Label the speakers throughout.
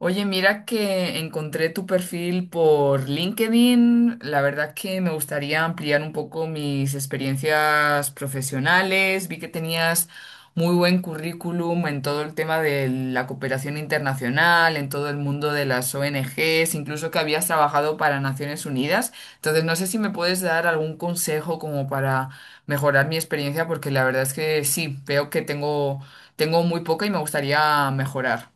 Speaker 1: Oye, mira que encontré tu perfil por LinkedIn. La verdad que me gustaría ampliar un poco mis experiencias profesionales. Vi que tenías muy buen currículum en todo el tema de la cooperación internacional, en todo el mundo de las ONGs, incluso que habías trabajado para Naciones Unidas. Entonces, no sé si me puedes dar algún consejo como para mejorar mi experiencia, porque la verdad es que sí, veo que tengo muy poca y me gustaría mejorar.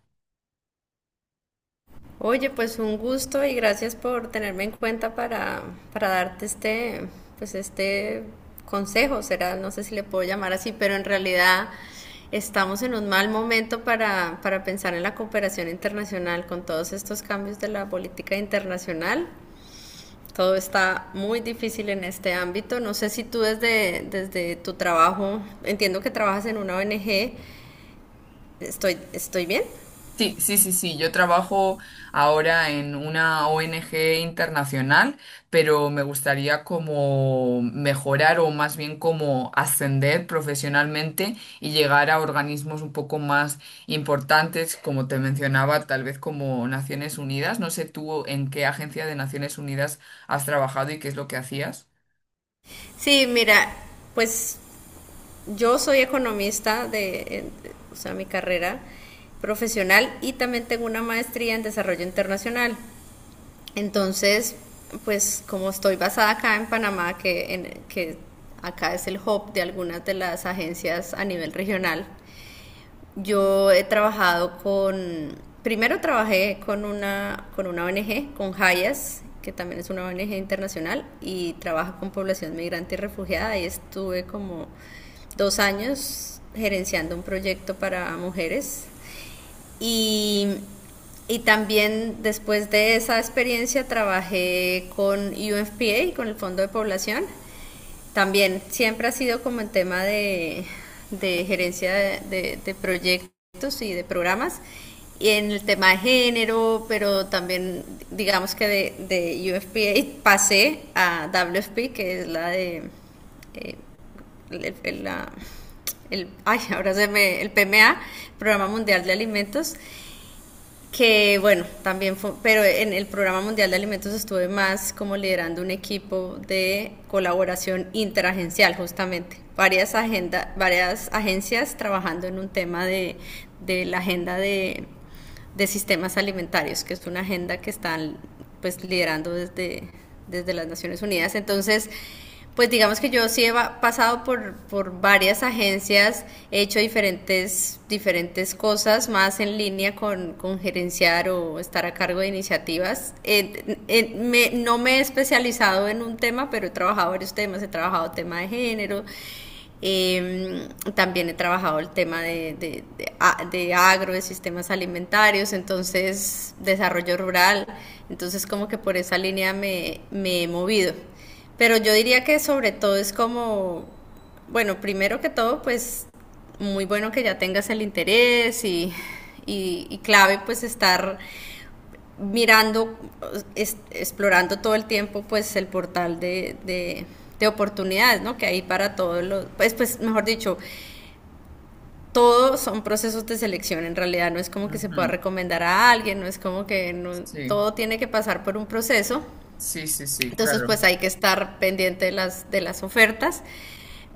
Speaker 2: Oye, pues un gusto y gracias por tenerme en cuenta para darte este consejo, será, no sé si le puedo llamar así, pero en realidad estamos en un mal momento para pensar en la cooperación internacional con todos estos cambios de la política internacional. Todo está muy difícil en este ámbito. No sé si tú desde tu trabajo, entiendo que trabajas en una ONG, estoy bien.
Speaker 1: Sí, sí, sí, sí. Yo trabajo ahora en una ONG internacional, pero me gustaría como mejorar o más bien como ascender profesionalmente y llegar a organismos un poco más importantes, como te mencionaba, tal vez como Naciones Unidas. No sé tú en qué agencia de Naciones Unidas has trabajado y qué es lo que hacías.
Speaker 2: Sí, mira, pues yo soy economista o sea, mi carrera profesional, y también tengo una maestría en desarrollo internacional. Entonces, pues como estoy basada acá en Panamá, que, en, que acá es el hub de algunas de las agencias a nivel regional, yo he trabajado primero trabajé con una ONG, con Hayas, que también es una ONG internacional y trabaja con población migrante y refugiada. Y estuve como dos años gerenciando un proyecto para mujeres. Y, y también después de esa experiencia trabajé con UNFPA, con el Fondo de Población, también siempre ha sido como el tema de gerencia de proyectos y de programas, y en el tema de género, pero también digamos que de UFPA pasé a WFP, que es la de eh, el, el- la- ahora se me, el PMA, Programa Mundial de Alimentos, que bueno, también fue, pero en el Programa Mundial de Alimentos estuve más como liderando un equipo de colaboración interagencial justamente, varias agencias trabajando en un tema de la agenda de sistemas alimentarios, que es una agenda que está pues liderando desde las Naciones Unidas. Entonces, pues digamos que yo sí he pasado por varias agencias, he hecho diferentes cosas más en línea con gerenciar o estar a cargo de iniciativas. No me he especializado en un tema, pero he trabajado varios temas, he trabajado tema de género, eh, también he trabajado el tema agro, de sistemas alimentarios, entonces desarrollo rural, entonces como que por esa línea me he movido. Pero yo diría que sobre todo es como, bueno, primero que todo, pues muy bueno que ya tengas el interés y clave pues estar mirando, es, explorando todo el tiempo pues el portal de oportunidades, ¿no? Que hay para todos los, pues, pues mejor dicho, todos son procesos de selección en realidad, no es como que se pueda
Speaker 1: Ujú.
Speaker 2: recomendar a alguien, no es como que no,
Speaker 1: Sí,
Speaker 2: todo tiene que pasar por un proceso,
Speaker 1: sí, sí, sí,
Speaker 2: entonces
Speaker 1: claro.
Speaker 2: pues hay que estar pendiente de las ofertas,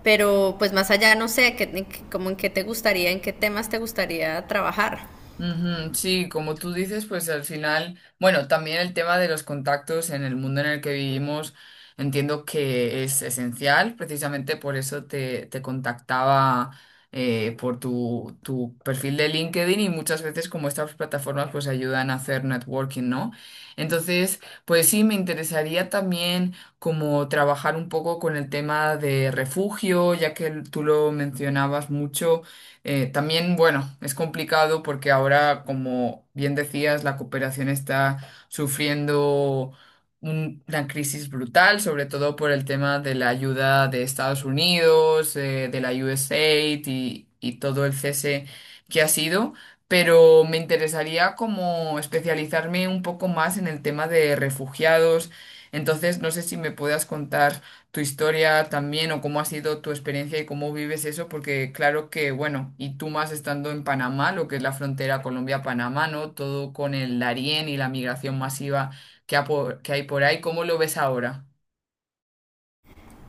Speaker 2: pero pues más allá no sé, como en qué te gustaría, en qué temas te gustaría trabajar.
Speaker 1: Ujú, sí, como tú dices, pues al final, bueno, también el tema de los contactos en el mundo en el que vivimos, entiendo que es esencial, precisamente por eso te contactaba por tu perfil de LinkedIn, y muchas veces como estas plataformas pues ayudan a hacer networking, ¿no? Entonces, pues sí, me interesaría también como trabajar un poco con el tema de refugio, ya que tú lo mencionabas mucho. También, bueno, es complicado porque ahora, como bien decías, la cooperación está sufriendo una crisis brutal, sobre todo por el tema de la ayuda de Estados Unidos, de la USAID y todo el cese que ha sido. Pero me interesaría como especializarme un poco más en el tema de refugiados. Entonces, no sé si me puedas contar tu historia también o cómo ha sido tu experiencia y cómo vives eso, porque claro que, bueno, y tú más estando en Panamá, lo que es la frontera Colombia-Panamá, ¿no? Todo con el Darién y la migración masiva que hay por ahí, ¿cómo lo ves ahora?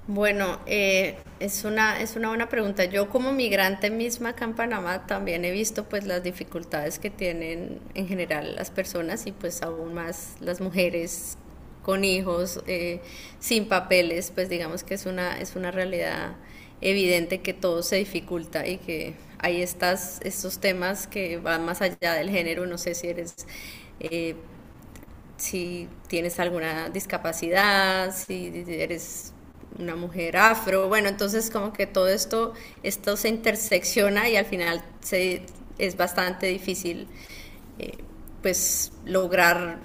Speaker 2: Bueno, es una buena pregunta. Yo como migrante misma acá en Panamá también he visto pues las dificultades que tienen en general las personas y pues aún más las mujeres con hijos, sin papeles, pues digamos que es una realidad evidente que todo se dificulta y que hay estas, estos temas que van más allá del género. No sé si eres eh, si tienes alguna discapacidad, si eres una mujer afro, bueno, entonces como que todo esto se intersecciona y al final es bastante difícil eh, pues lograr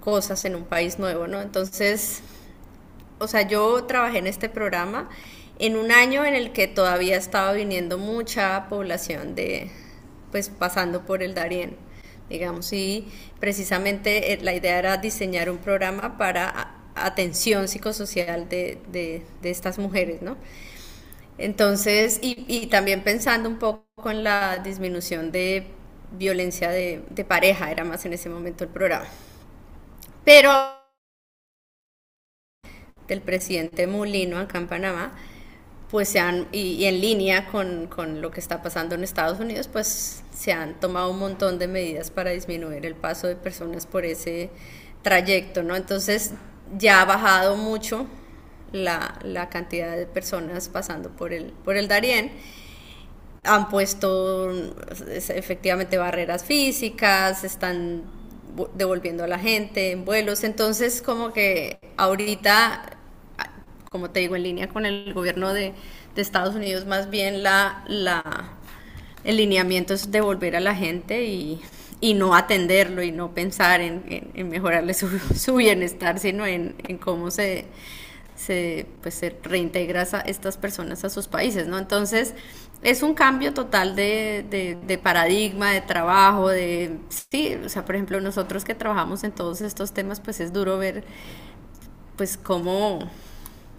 Speaker 2: cosas en un país nuevo, ¿no? Entonces o sea, yo trabajé en este programa en un año en el que todavía estaba viniendo mucha población pues pasando por el Darién, digamos, y precisamente la idea era diseñar un programa para atención psicosocial de estas mujeres, ¿no? Entonces, también pensando un poco en la disminución de violencia de pareja, era más en ese momento el programa. Pero del presidente Mulino acá en Panamá, pues se han, en línea con lo que está pasando en Estados Unidos, pues se han tomado un montón de medidas para disminuir el paso de personas por ese trayecto, ¿no? Entonces ya ha bajado mucho la cantidad de personas pasando por por el Darién. Han puesto efectivamente barreras físicas, están devolviendo a la gente en vuelos, entonces como que ahorita, como te digo, en línea con el gobierno de Estados Unidos, más bien el lineamiento es devolver a la gente y no atenderlo y no pensar en, en mejorarle su, su bienestar, sino en cómo pues, se reintegra a estas personas a sus países, ¿no? Entonces, es un cambio total de, de paradigma, de trabajo, de... Sí, o sea, por ejemplo, nosotros que trabajamos en todos estos temas, pues es duro ver pues cómo,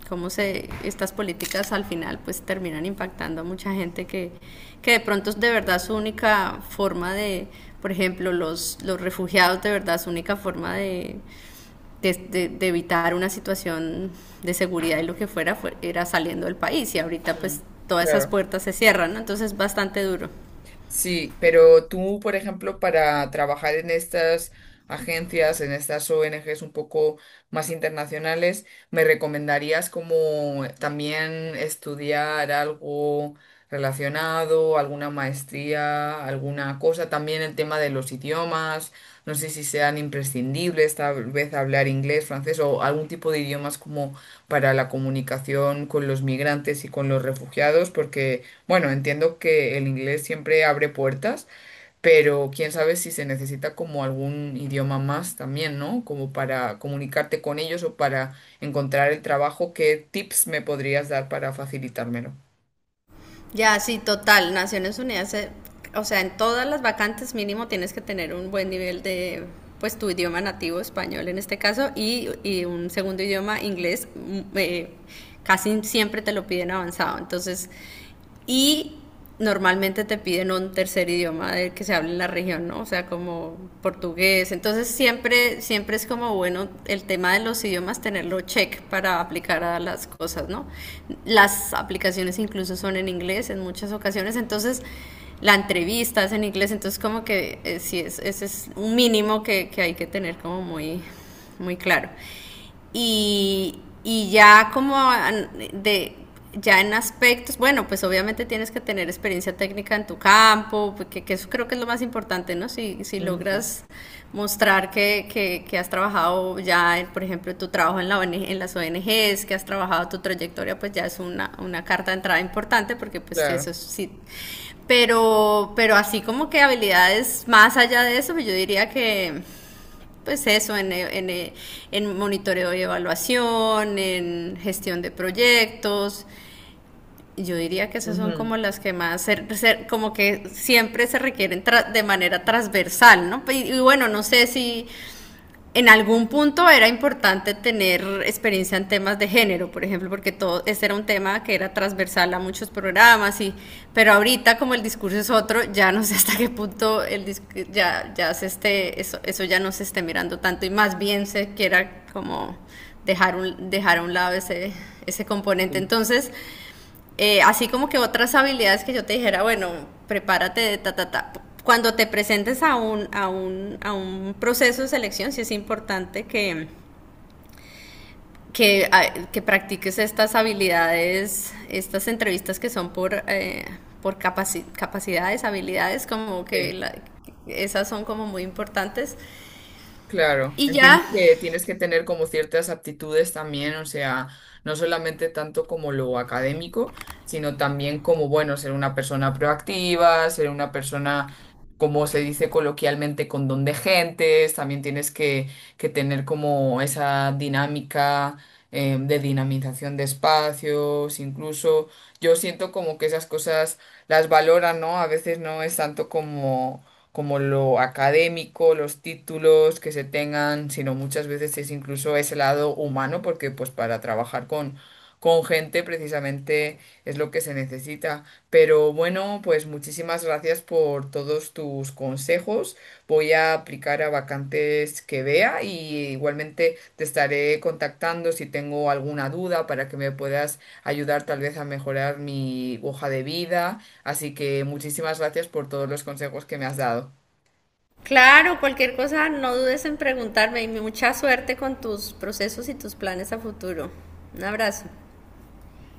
Speaker 2: estas políticas al final pues terminan impactando a mucha gente que de pronto es de verdad su única forma de, por ejemplo, los refugiados de verdad su única forma de evitar una situación de seguridad y lo que fuera, era saliendo del país, y ahorita pues
Speaker 1: Ujú.
Speaker 2: todas esas
Speaker 1: Claro.
Speaker 2: puertas se cierran, ¿no? Entonces es bastante duro.
Speaker 1: Sí, pero tú, por ejemplo, para trabajar en estas agencias, en estas ONGs un poco más internacionales, ¿me recomendarías como también estudiar algo relacionado, alguna maestría, alguna cosa? También el tema de los idiomas, no sé si sean imprescindibles, tal vez hablar inglés, francés o algún tipo de idiomas como para la comunicación con los migrantes y con los refugiados, porque... Bueno, entiendo que el inglés siempre abre puertas, pero quién sabe si se necesita como algún idioma más también, ¿no? Como para comunicarte con ellos o para encontrar el trabajo. ¿Qué tips me podrías dar para facilitármelo?
Speaker 2: Ya, sí, total. Naciones Unidas, o sea, en todas las vacantes mínimo tienes que tener un buen nivel de, pues, tu idioma nativo, español en este caso, y un segundo idioma, inglés, mm, casi siempre te lo piden avanzado. Entonces, y normalmente te piden un tercer idioma del que se hable en la región, ¿no? O sea, como portugués. Entonces siempre, siempre es como bueno el tema de los idiomas tenerlo check para aplicar a las cosas, ¿no? Las aplicaciones incluso son en inglés en muchas ocasiones, entonces la entrevista es en inglés, entonces como que sí es, ese es un mínimo que hay que tener como muy, muy claro. Y, y, y ya como de, ya en aspectos, bueno, pues obviamente tienes que tener experiencia técnica en tu campo, que eso creo que es lo más importante, ¿no? Si
Speaker 1: Ujú.
Speaker 2: logras mostrar que has trabajado ya, en, por ejemplo, tu trabajo en, la ONG, en las ONGs, que has trabajado tu trayectoria, pues ya es una carta de entrada importante, porque pues
Speaker 1: Claro.
Speaker 2: eso sí. Pero así como que habilidades más allá de eso, pues yo diría que pues eso, en monitoreo y evaluación, en gestión de proyectos. Yo diría que esas son
Speaker 1: Ujú.
Speaker 2: como las que más, como que siempre se requieren de manera transversal, ¿no? Y, bueno, no sé si en algún punto era importante tener experiencia en temas de género, por ejemplo, porque todo ese era un tema que era transversal a muchos programas, y pero ahorita como el discurso es otro, ya no sé hasta qué punto el ya ya se esté eso, eso ya no se esté mirando tanto y más bien se quiera como dejar a un lado ese componente.
Speaker 1: Sí.
Speaker 2: Entonces, así como que otras habilidades que yo te dijera, bueno, prepárate de ta, ta, ta. Cuando te presentes a a un proceso de selección, sí es importante que practiques estas habilidades, estas entrevistas que son por capacidades, habilidades, como que
Speaker 1: Sí.
Speaker 2: esas son como muy importantes.
Speaker 1: Claro,
Speaker 2: Y
Speaker 1: entiendo
Speaker 2: ya,
Speaker 1: que tienes que tener como ciertas aptitudes también, o sea, no solamente tanto como lo académico, sino también como, bueno, ser una persona proactiva, ser una persona, como se dice coloquialmente, con don de gentes, también tienes que tener como esa dinámica, de dinamización de espacios, incluso yo siento como que esas cosas las valoran, ¿no? A veces no es tanto como lo académico, los títulos que se tengan, sino muchas veces es incluso ese lado humano, porque pues para trabajar con gente precisamente es lo que se necesita. Pero bueno, pues muchísimas gracias por todos tus consejos. Voy a aplicar a vacantes que vea y igualmente te estaré contactando si tengo alguna duda para que me puedas ayudar tal vez a mejorar mi hoja de vida. Así que muchísimas gracias por todos los consejos que me has dado.
Speaker 2: claro, cualquier cosa, no dudes en preguntarme y mucha suerte con tus procesos y tus planes a futuro. Un abrazo.